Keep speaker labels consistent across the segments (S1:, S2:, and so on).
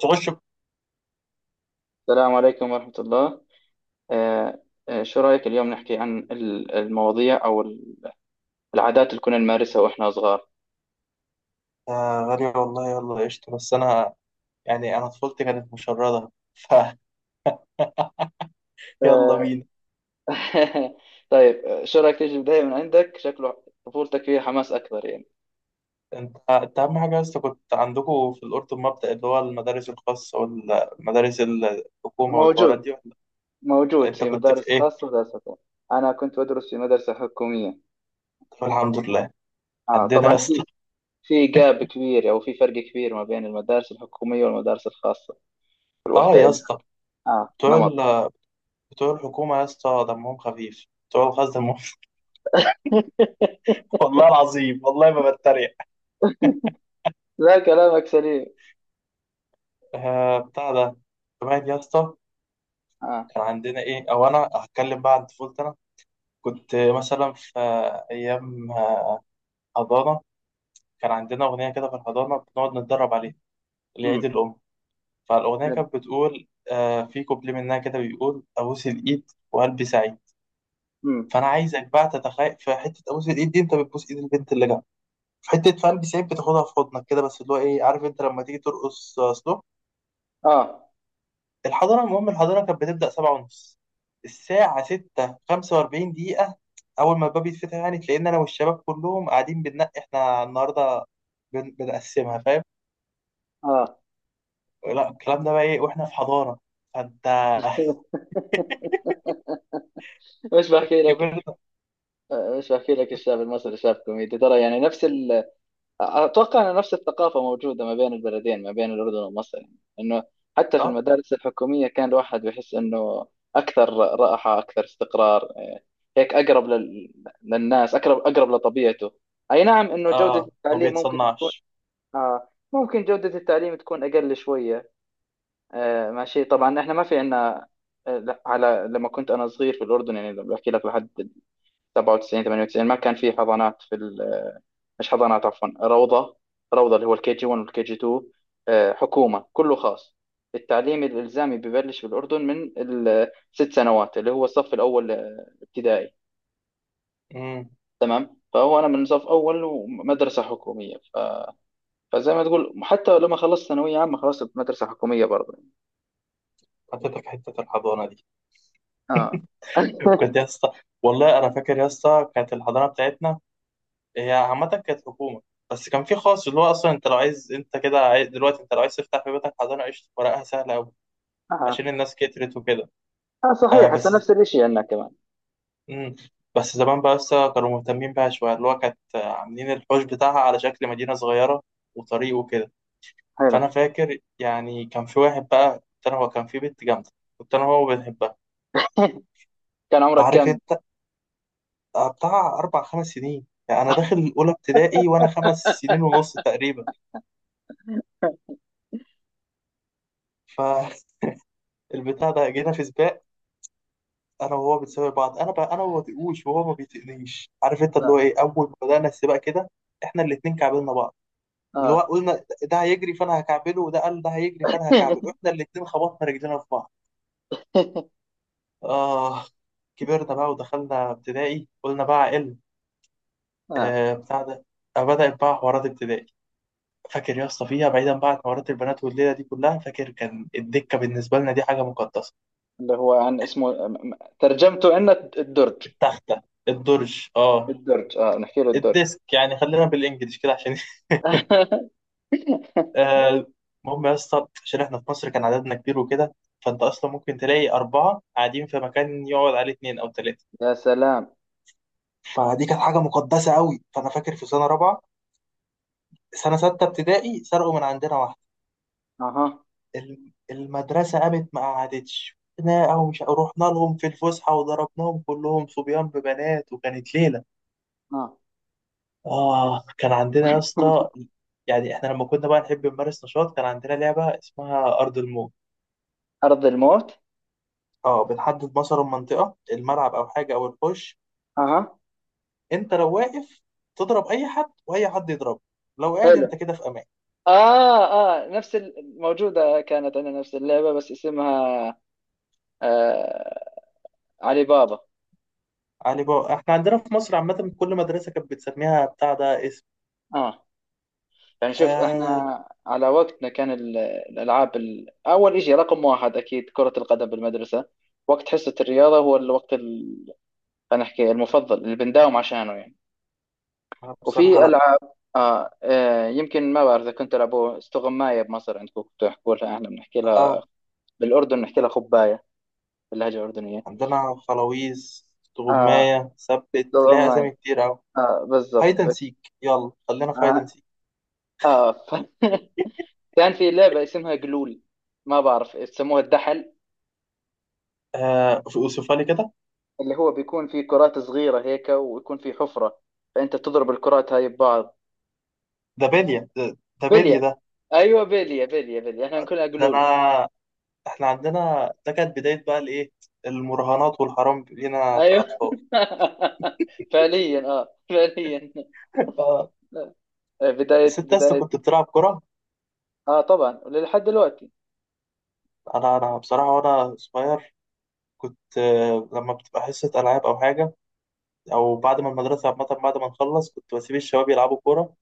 S1: تخش ب-
S2: السلام عليكم ورحمة الله. آه، شو رأيك اليوم نحكي عن المواضيع أو العادات اللي كنا نمارسها وإحنا صغار؟
S1: آه، غالية والله، يلا قشطة، بس أنا يعني أنا طفولتي كانت مشردة فيلا.
S2: آه.
S1: بينا.
S2: طيب، شو رأيك تيجي البداية من عندك؟ شكله طفولتك فيها حماس أكثر يعني.
S1: أنت أهم حاجة، بس كنت عندكم في الأردن مبدأ اللي هو المدارس الخاصة والمدارس الحكومة والحوارات دي
S2: موجود.
S1: ولا؟
S2: موجود
S1: أنت
S2: في
S1: كنت في
S2: مدارس
S1: إيه؟
S2: خاصة ومدارس حكومية. أنا كنت أدرس في مدرسة حكومية.
S1: طب الحمد لله.
S2: آه،
S1: عندنا يا
S2: طبعا
S1: اسطى.
S2: في جاب كبير، أو في فرق كبير ما بين المدارس الحكومية والمدارس الخاصة. كل
S1: آه
S2: واحدة
S1: يا
S2: إلها
S1: اسطى، بتوع
S2: نمط.
S1: ال- بتوع الحكومة يا اسطى دمهم خفيف، بتوع الخاص دمهم. والله العظيم، والله ما بتريق.
S2: لا، كلامك سليم.
S1: آه بتاع ده كمان يا اسطى.
S2: آه.
S1: كان عندنا ايه، او انا هتكلم بقى عن طفولتي. كنت مثلا في أيام حضانة. كان عندنا أغنية كده في الحضانة بنقعد نتدرب عليها لعيد
S2: مم.
S1: الأم. فالأغنية كانت بتقول، في كوبليه منها كده بيقول: أبوس الإيد وقلبي سعيد.
S2: مم.
S1: فأنا عايزك بقى تتخيل، في حتة أبوس الإيد دي أنت بتبوس إيد البنت اللي جنبك، في حتة في قلبي سعيد بتاخدها في حضنك كده، بس اللي هو إيه، عارف أنت، لما تيجي ترقص سلو.
S2: اه،
S1: الحضانة، المهم الحضانة كانت بتبدأ 7:30. الساعة 6:45 دقيقة، أول ما الباب يتفتح، يعني تلاقينا أنا والشباب كلهم قاعدين بننقي إحنا النهاردة بنقسمها فاهم؟
S2: اه.
S1: لا الكلام ده بقى إيه وإحنا في حضانة! فأنت
S2: مش بحكي لك
S1: كبرنا.
S2: مش بحكي لك، الشعب المصري شعب كوميدي ترى، يعني نفس اتوقع ان نفس الثقافه موجوده ما بين البلدين، ما بين الاردن ومصر، يعني انه حتى في
S1: أه،
S2: المدارس الحكوميه كان الواحد بيحس انه اكثر راحه، اكثر استقرار، إيه، هيك اقرب للناس، اقرب لطبيعته. اي نعم، انه جوده
S1: أه، ما
S2: التعليم ممكن تكون.
S1: بيتصنعش.
S2: آه، ممكن جوده التعليم تكون اقل شويه. آه، ماشي، طبعا احنا ما في عندنا. لما كنت انا صغير في الاردن، يعني بحكي لك، لحد 97، 98، ما كان في حضانات في مش حضانات، عفوا، روضه. روضه، اللي هو الكي جي 1 والكي جي 2. آه، حكومه، كله خاص. التعليم الالزامي ببلش في الاردن من الست سنوات، اللي هو الصف الاول ابتدائي.
S1: امم.
S2: تمام. فهو انا من صف اول ومدرسه حكوميه، فزي ما تقول، حتى لما خلصت ثانويه عامه خلصت مدرسه حكوميه برضه.
S1: حطيتك حتة الحضانة دي.
S2: اه.
S1: كنت يا اسطى. والله أنا فاكر يا اسطى، كانت الحضانة بتاعتنا هي عامة كانت حكومة، بس كان في خاص اللي هو أصلا. أنت لو عايز أنت كده عايز... دلوقتي أنت لو عايز تفتح في بيتك حضانة قشطة، ورقها سهلة أوي، عشان الناس كترت وكده.
S2: اه،
S1: آه
S2: صحيح، هسه
S1: بس.
S2: نفس الشيء عندنا كمان.
S1: مم. بس زمان بقى لسه كانوا مهتمين بيها شوية، اللي هو كانت عاملين الحوش بتاعها على شكل مدينة صغيرة وطريق وكده.
S2: حلو.
S1: فأنا فاكر يعني كان في واحد بقى كنت أنا هو، كان في بنت جامدة كنت أنا هو بنحبها.
S2: كان عمرك
S1: فعارف
S2: كم؟
S1: أنت، بتاع أربع خمس سنين، يعني أنا داخل الأولى ابتدائي وأنا 5 سنين ونص تقريبا. فالبتاع ده جينا في سباق، أنا وهو بنسابق بعض، أنا بقى أنا ما بطيقوش وهو ما بيطيقنيش، عارف أنت اللي هو
S2: اه،
S1: إيه، أول ما بدأنا السباق كده إحنا الاتنين كعبلنا بعض، اللي هو
S2: اه.
S1: قلنا ده هيجري فانا هكعبله، وده قال ده هيجري فانا هكعبله، احنا الاتنين خبطنا رجلنا في بعض. اه، كبرنا بقى ودخلنا ابتدائي. قلنا بقى ال
S2: آه.
S1: آه بتاع ده، بدأت بقى حوارات ابتدائي. فاكر يا اسطى فيها، بعيدا بقى عن حوارات البنات والليله دي كلها، فاكر كان الدكه بالنسبه لنا دي حاجه مقدسه.
S2: اللي هو اسمه، ترجمته عندنا الدرج.
S1: التخته، الدرج، اه
S2: الدرج، اه، نحكي له الدرج.
S1: الديسك يعني، خلينا بالانجلش كده عشان آه، المهم يا اسطى، عشان احنا في مصر كان عددنا كبير وكده، فانت اصلا ممكن تلاقي اربعه قاعدين في مكان يقعد عليه اتنين او تلاته.
S2: يا سلام.
S1: فدي كانت حاجه مقدسه قوي. فانا فاكر في سنه رابعه، سنه 6 ابتدائي، سرقوا من عندنا واحده.
S2: اها،
S1: المدرسه قامت ما قعدتش. نا او مش رحنا لهم في الفسحه وضربناهم كلهم، صبيان ببنات، وكانت ليله.
S2: اه.
S1: اه كان عندنا يا اسطى. يعني احنا لما كنا بقى نحب نمارس نشاط كان عندنا لعبه اسمها ارض الموت.
S2: ارض الموت.
S1: اه بنحدد مثلا منطقه الملعب او حاجه او الحوش.
S2: اها،
S1: انت لو واقف تضرب اي حد واي حد يضربك. لو قاعد انت
S2: حلو،
S1: كده في امان.
S2: اه، اه. نفس الموجودة كانت عندنا، نفس اللعبة بس اسمها آه علي بابا.
S1: علي بابا، احنا عندنا في مصر عامة كل مدرسة كانت بتسميها بتاع ده اسم.
S2: اه، يعني شوف احنا
S1: آه،
S2: على وقتنا كان الالعاب، اول شيء رقم واحد اكيد كرة القدم بالمدرسة. وقت حصة الرياضة هو الوقت خلينا نحكي المفضل اللي بنداوم عشانه يعني.
S1: بصراحة
S2: وفي
S1: لا.
S2: العاب. يمكن ما بعرف اذا كنت تلعبوا استغماية بمصر، عندكم كنتوا تحكوا لها، احنا بنحكي لها
S1: آه،
S2: بالاردن، بنحكي لها خباية، باللهجة الأردنية.
S1: عندنا خلاويز،
S2: آه،
S1: تغماية ثبت ليها أسامي
S2: استغماية.
S1: كتير أوي.
S2: آه،
S1: هايدن
S2: بالضبط.
S1: سيك، يلا خلينا في هايدن
S2: آه,
S1: سيك.
S2: آه ف... كان في لعبة اسمها قلول، ما بعرف يسموها الدحل.
S1: آه، أوصفها لي كده.
S2: اللي هو بيكون في كرات صغيرة هيك ويكون في حفرة، فأنت تضرب الكرات هاي ببعض.
S1: ده بالية ده بالية
S2: بلية.
S1: ده.
S2: أيوة، بلية، بلية، بلية، إحنا نقولها
S1: ده أنا،
S2: قلول.
S1: احنا عندنا ده كانت بداية بقى الإيه، المراهنات والحرام لينا
S2: أيوة.
S1: كأطفال.
S2: فعليا، فعليا.
S1: آه،
S2: بداية
S1: الست أسطى
S2: بداية.
S1: كنت بتلعب كرة.
S2: آه، طبعا لحد دلوقتي.
S1: أنا بصراحة وأنا صغير كنت، لما بتبقى حصة ألعاب أو حاجة، او بعد ما المدرسه عامه بعد ما نخلص كنت بسيب الشباب يلعبوا كوره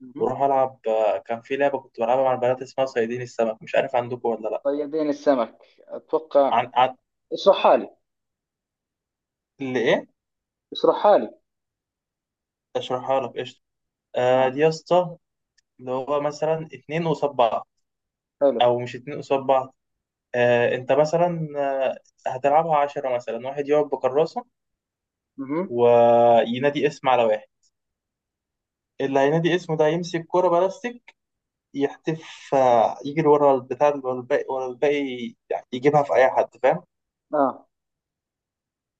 S2: مهم.
S1: واروح العب. كان في لعبه كنت بلعبها مع البنات اسمها صيادين السمك، مش عارف عندكم ولا لا.
S2: طيبين السمك أتوقع.
S1: عن, عن...
S2: اشرحها لي،
S1: اللي ايه،
S2: اشرحها لي.
S1: اشرحها لك قشطه. آه
S2: آه.
S1: دي يا اسطى، اللي هو مثلا اتنين قصاد بعض،
S2: حلو.
S1: او مش اتنين قصاد بعض، انت مثلا، هتلعبها 10 مثلا، واحد يقعد بكراسه
S2: مهم.
S1: وينادي اسم على واحد. اللي هينادي اسمه ده يمسك كرة بلاستيك، يحتف، يجري ورا البتاع، ورا الباقي ورا الباقي، يعني يجيبها في أي حد فاهم.
S2: آه،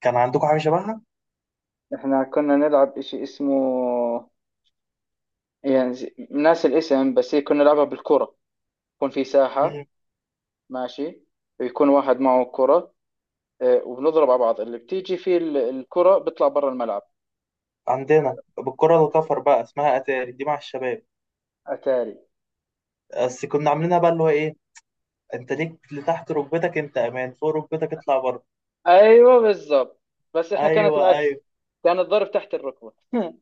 S1: كان عندكم حاجة شبهها؟
S2: إحنا كنا نلعب إشي اسمه، يعني ناس الاسم، بس هي كنا نلعبها بالكرة. يكون في ساحة،
S1: مم.
S2: ماشي، يكون واحد معه كرة، آه، وبنضرب على بعض، اللي بتيجي فيه الكرة بيطلع برا الملعب.
S1: عندنا بالكرة الكفر بقى اسمها أتاري دي، مع الشباب.
S2: أتاري.
S1: بس كنا عاملينها بقى اللي هو إيه، أنت ليك لتحت ركبتك أنت أمان، فوق ركبتك اطلع بره.
S2: أيوة، بالضبط، بس إحنا كانت
S1: أيوه،
S2: العكس،
S1: أيوه،
S2: كان الضرب تحت الركبة.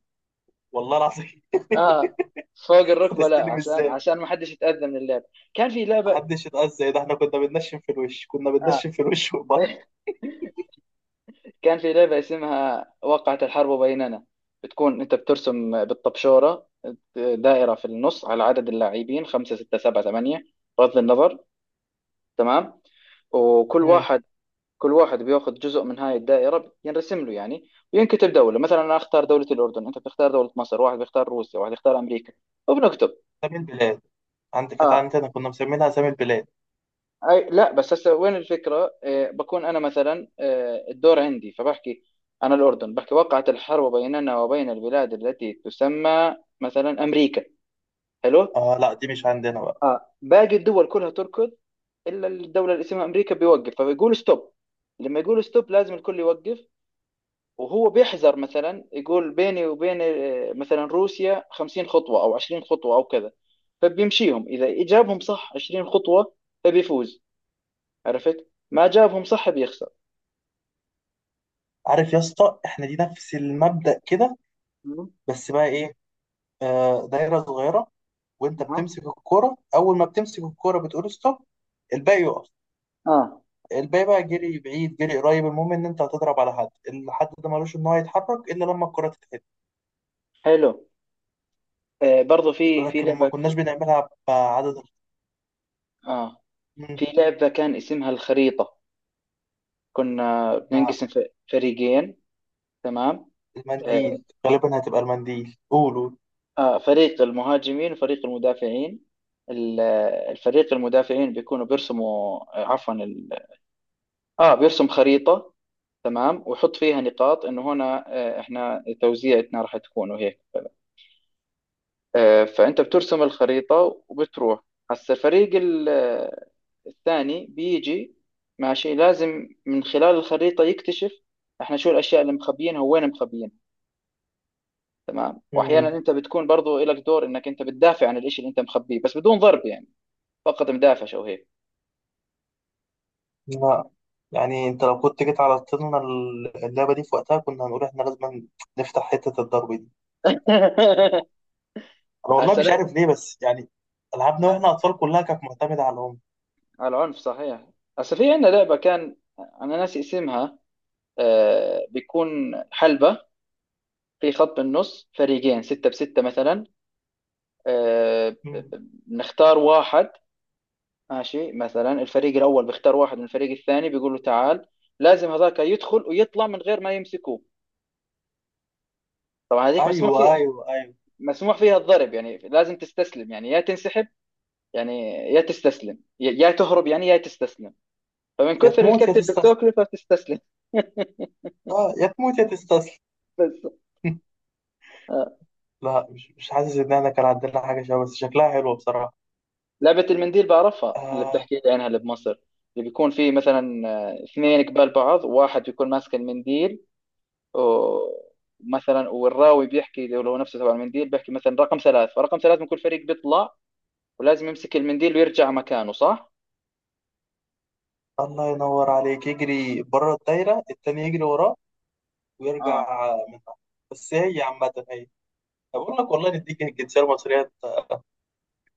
S1: والله العظيم.
S2: آه، فوق الركبة لا،
S1: هتستلم
S2: عشان
S1: إزاي؟
S2: عشان ما حدش يتأذى من اللعب. كان في لعبة،
S1: محدش يتأذى ده! إحنا كنا بننشن في الوش، كنا
S2: آه.
S1: بننشن في الوش والبطن.
S2: كان في لعبة اسمها وقعت الحرب بيننا. بتكون أنت بترسم بالطبشورة دائرة في النص على عدد اللاعبين، خمسة، ستة، سبعة، ثمانية، بغض النظر. تمام. وكل
S1: مم.
S2: واحد، كل واحد بياخذ جزء من هاي الدائرة، ينرسم له يعني، وينكتب دولة. مثلا أنا أختار دولة الأردن، أنت بتختار دولة مصر، واحد بيختار روسيا، واحد يختار أمريكا، وبنكتب.
S1: أسامي البلاد عندك، كانت
S2: آه،
S1: عندنا كنا مسمينها أسامي البلاد.
S2: أي لا، بس هسه وين الفكرة؟ آه، بكون أنا مثلا، آه، الدور عندي، فبحكي: أنا الأردن، بحكي وقعت الحرب بيننا وبين البلاد التي تسمى مثلا أمريكا. حلو.
S1: آه لا، دي مش عندنا بقى.
S2: آه، باقي الدول كلها تركض إلا الدولة اللي اسمها أمريكا، بيوقف فبيقول ستوب. لما يقول ستوب لازم الكل يوقف. وهو بيحذر، مثلا يقول بيني وبين، آه، مثلا روسيا، 50 خطوة أو 20 خطوة أو كذا. فبيمشيهم، إذا جابهم صح 20 خطوة فبيفوز، عرفت. ما جابهم صح بيخسر.
S1: عارف يا اسطى، إحنا دي نفس المبدأ كده،
S2: مم.
S1: بس بقى إيه، دايرة صغيرة وانت
S2: أها،
S1: بتمسك الكرة، اول ما بتمسك الكرة بتقول ستوب. الباقي يقف.
S2: آه،
S1: الباقي بقى جري بعيد جري قريب، المهم ان انت هتضرب على حد. الحد ده ملوش ان هو يتحرك الا لما الكرة تتحد.
S2: حلو. آه، برضو
S1: لكن ما كناش بنعملها بعدد.
S2: آه في
S1: مم.
S2: لعبة كان اسمها الخريطة. كنا
S1: ده
S2: بننقسم فريقين. تمام. آه
S1: المنديل غالبا، هتبقى المنديل قولوا.
S2: فريق المهاجمين وفريق المدافعين. ال- الفريق المدافعين بيكونوا بيرسموا، آه، عفوا، اه، بيرسم خريطة. تمام، ويحط فيها نقاط انه هنا، آه، احنا توزيعتنا راح تكون وهيك. آه، فانت بترسم الخريطة وبتروح. هسا الفريق الثاني بيجي، ماشي، لازم من خلال الخريطة يكتشف احنا شو الاشياء اللي مخبيينها، وين مخبيينها. تمام. واحيانا
S1: مم.
S2: انت بتكون برضو لك دور، انك انت بتدافع عن الاشي اللي انت مخبيه، بس بدون ضرب يعني، فقط مدافع او هيك.
S1: لا، يعني انت لو كنت جيت على طولنا، اللعبة دي في وقتها كنا هنقول احنا لازم نفتح حتة الضرب دي. انا والله
S2: هسا
S1: مش
S2: لا،
S1: عارف ليه، بس يعني العابنا واحنا اطفال كلها كانت معتمدة على الام.
S2: على العنف صحيح. هسا في عندنا لعبة كان، انا ناسي اسمها. آه، بيكون حلبة، في خط بالنص، فريقين، ستة بستة مثلا. آه،
S1: مم.
S2: بنختار واحد. ماشي، مثلا الفريق الأول بيختار واحد من الفريق الثاني بيقول له تعال، لازم هذاك يدخل ويطلع من غير ما يمسكوه. طبعا هذيك
S1: ايوه، ايوه، ايوه.
S2: مسموح فيها الضرب يعني، لازم تستسلم، يعني يا تنسحب يعني، يا تستسلم، يا تهرب، يعني يا تستسلم، فمن
S1: يا
S2: كثر
S1: تموت يا
S2: الكتل اللي
S1: تستسلم.
S2: بتاكله فبتستسلم.
S1: اه، يا تموت يا تستسلم.
S2: بس.
S1: لا، مش حاسس ان احنا كان عندنا حاجه شبه، بس شكلها حلوه بصراحه.
S2: لعبة المنديل بعرفها، اللي
S1: آه،
S2: بتحكي لي عنها، اللي بمصر. اللي بيكون في مثلا، آه، اثنين قبال بعض، واحد بيكون ماسك المنديل. ومثلا، والراوي بيحكي، لو نفسه تبع المنديل، بيحكي مثلا رقم ثلاث، فرقم ثلاث من كل فريق بيطلع، ولازم يمسك المنديل ويرجع مكانه، صح؟
S1: الله ينور عليك، يجري بره الدايره، التاني يجري وراه
S2: اه.
S1: ويرجع منها. بس هي عامه هي، بقول لك والله نديك الجنسيه المصريه.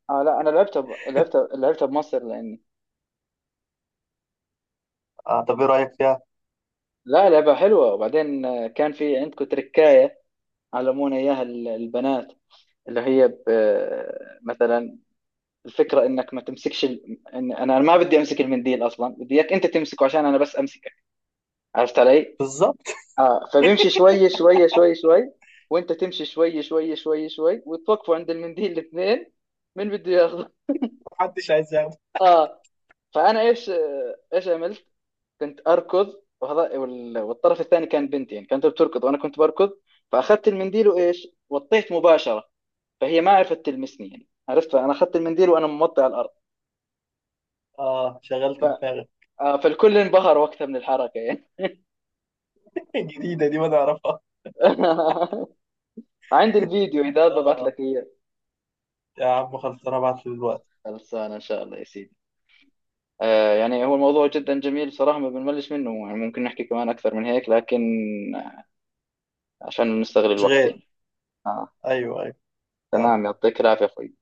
S2: اه، لا، انا لعبتها ب... لعبتها لعبتها بمصر لاني.
S1: آه طب ايه رايك فيها؟
S2: لا، لعبة حلوة. وبعدين آه، كان في عندكم تركاية، علمونا اياها البنات، اللي هي ب... آه، مثلا الفكرة انك ما تمسكش إن انا ما بدي امسك المنديل اصلا، بدي اياك انت تمسكه عشان انا بس امسكك. عرفت علي؟
S1: بالظبط.
S2: اه، فبيمشي شوي شوي شوي شوي، وانت تمشي شوي شوي شوي شوي، وتوقفوا عند المنديل الاثنين. مين بده ياخذه؟
S1: محدش عايز ياخد.
S2: اه. فانا، ايش عملت؟ كنت اركض، وهذا والطرف الثاني كان بنت، يعني كانت بتركض وانا كنت بركض. فاخذت المنديل، وايش؟ وطيت مباشرة. فهي ما عرفت تلمسني، يعني عرفت، فانا اخذت المنديل وانا موطي على الارض.
S1: اه،
S2: ف...
S1: شغلت دماغك.
S2: آه، فالكل انبهر وقتها من الحركة يعني.
S1: جديده دي ما نعرفها.
S2: عندي الفيديو، اذا ببعت
S1: اه،
S2: لك اياه.
S1: يا عم خلصنا ابعت لي دلوقتي.
S2: خلصانه ان شاء الله يا سيدي. آه، يعني هو الموضوع جدا جميل صراحه، ما بنملش منه، يعني ممكن نحكي كمان اكثر من هيك، لكن عشان نستغل
S1: مش
S2: الوقت
S1: غير.
S2: يعني. آه،
S1: ايوه، ايوه.
S2: تمام، يعطيك العافيه اخوي.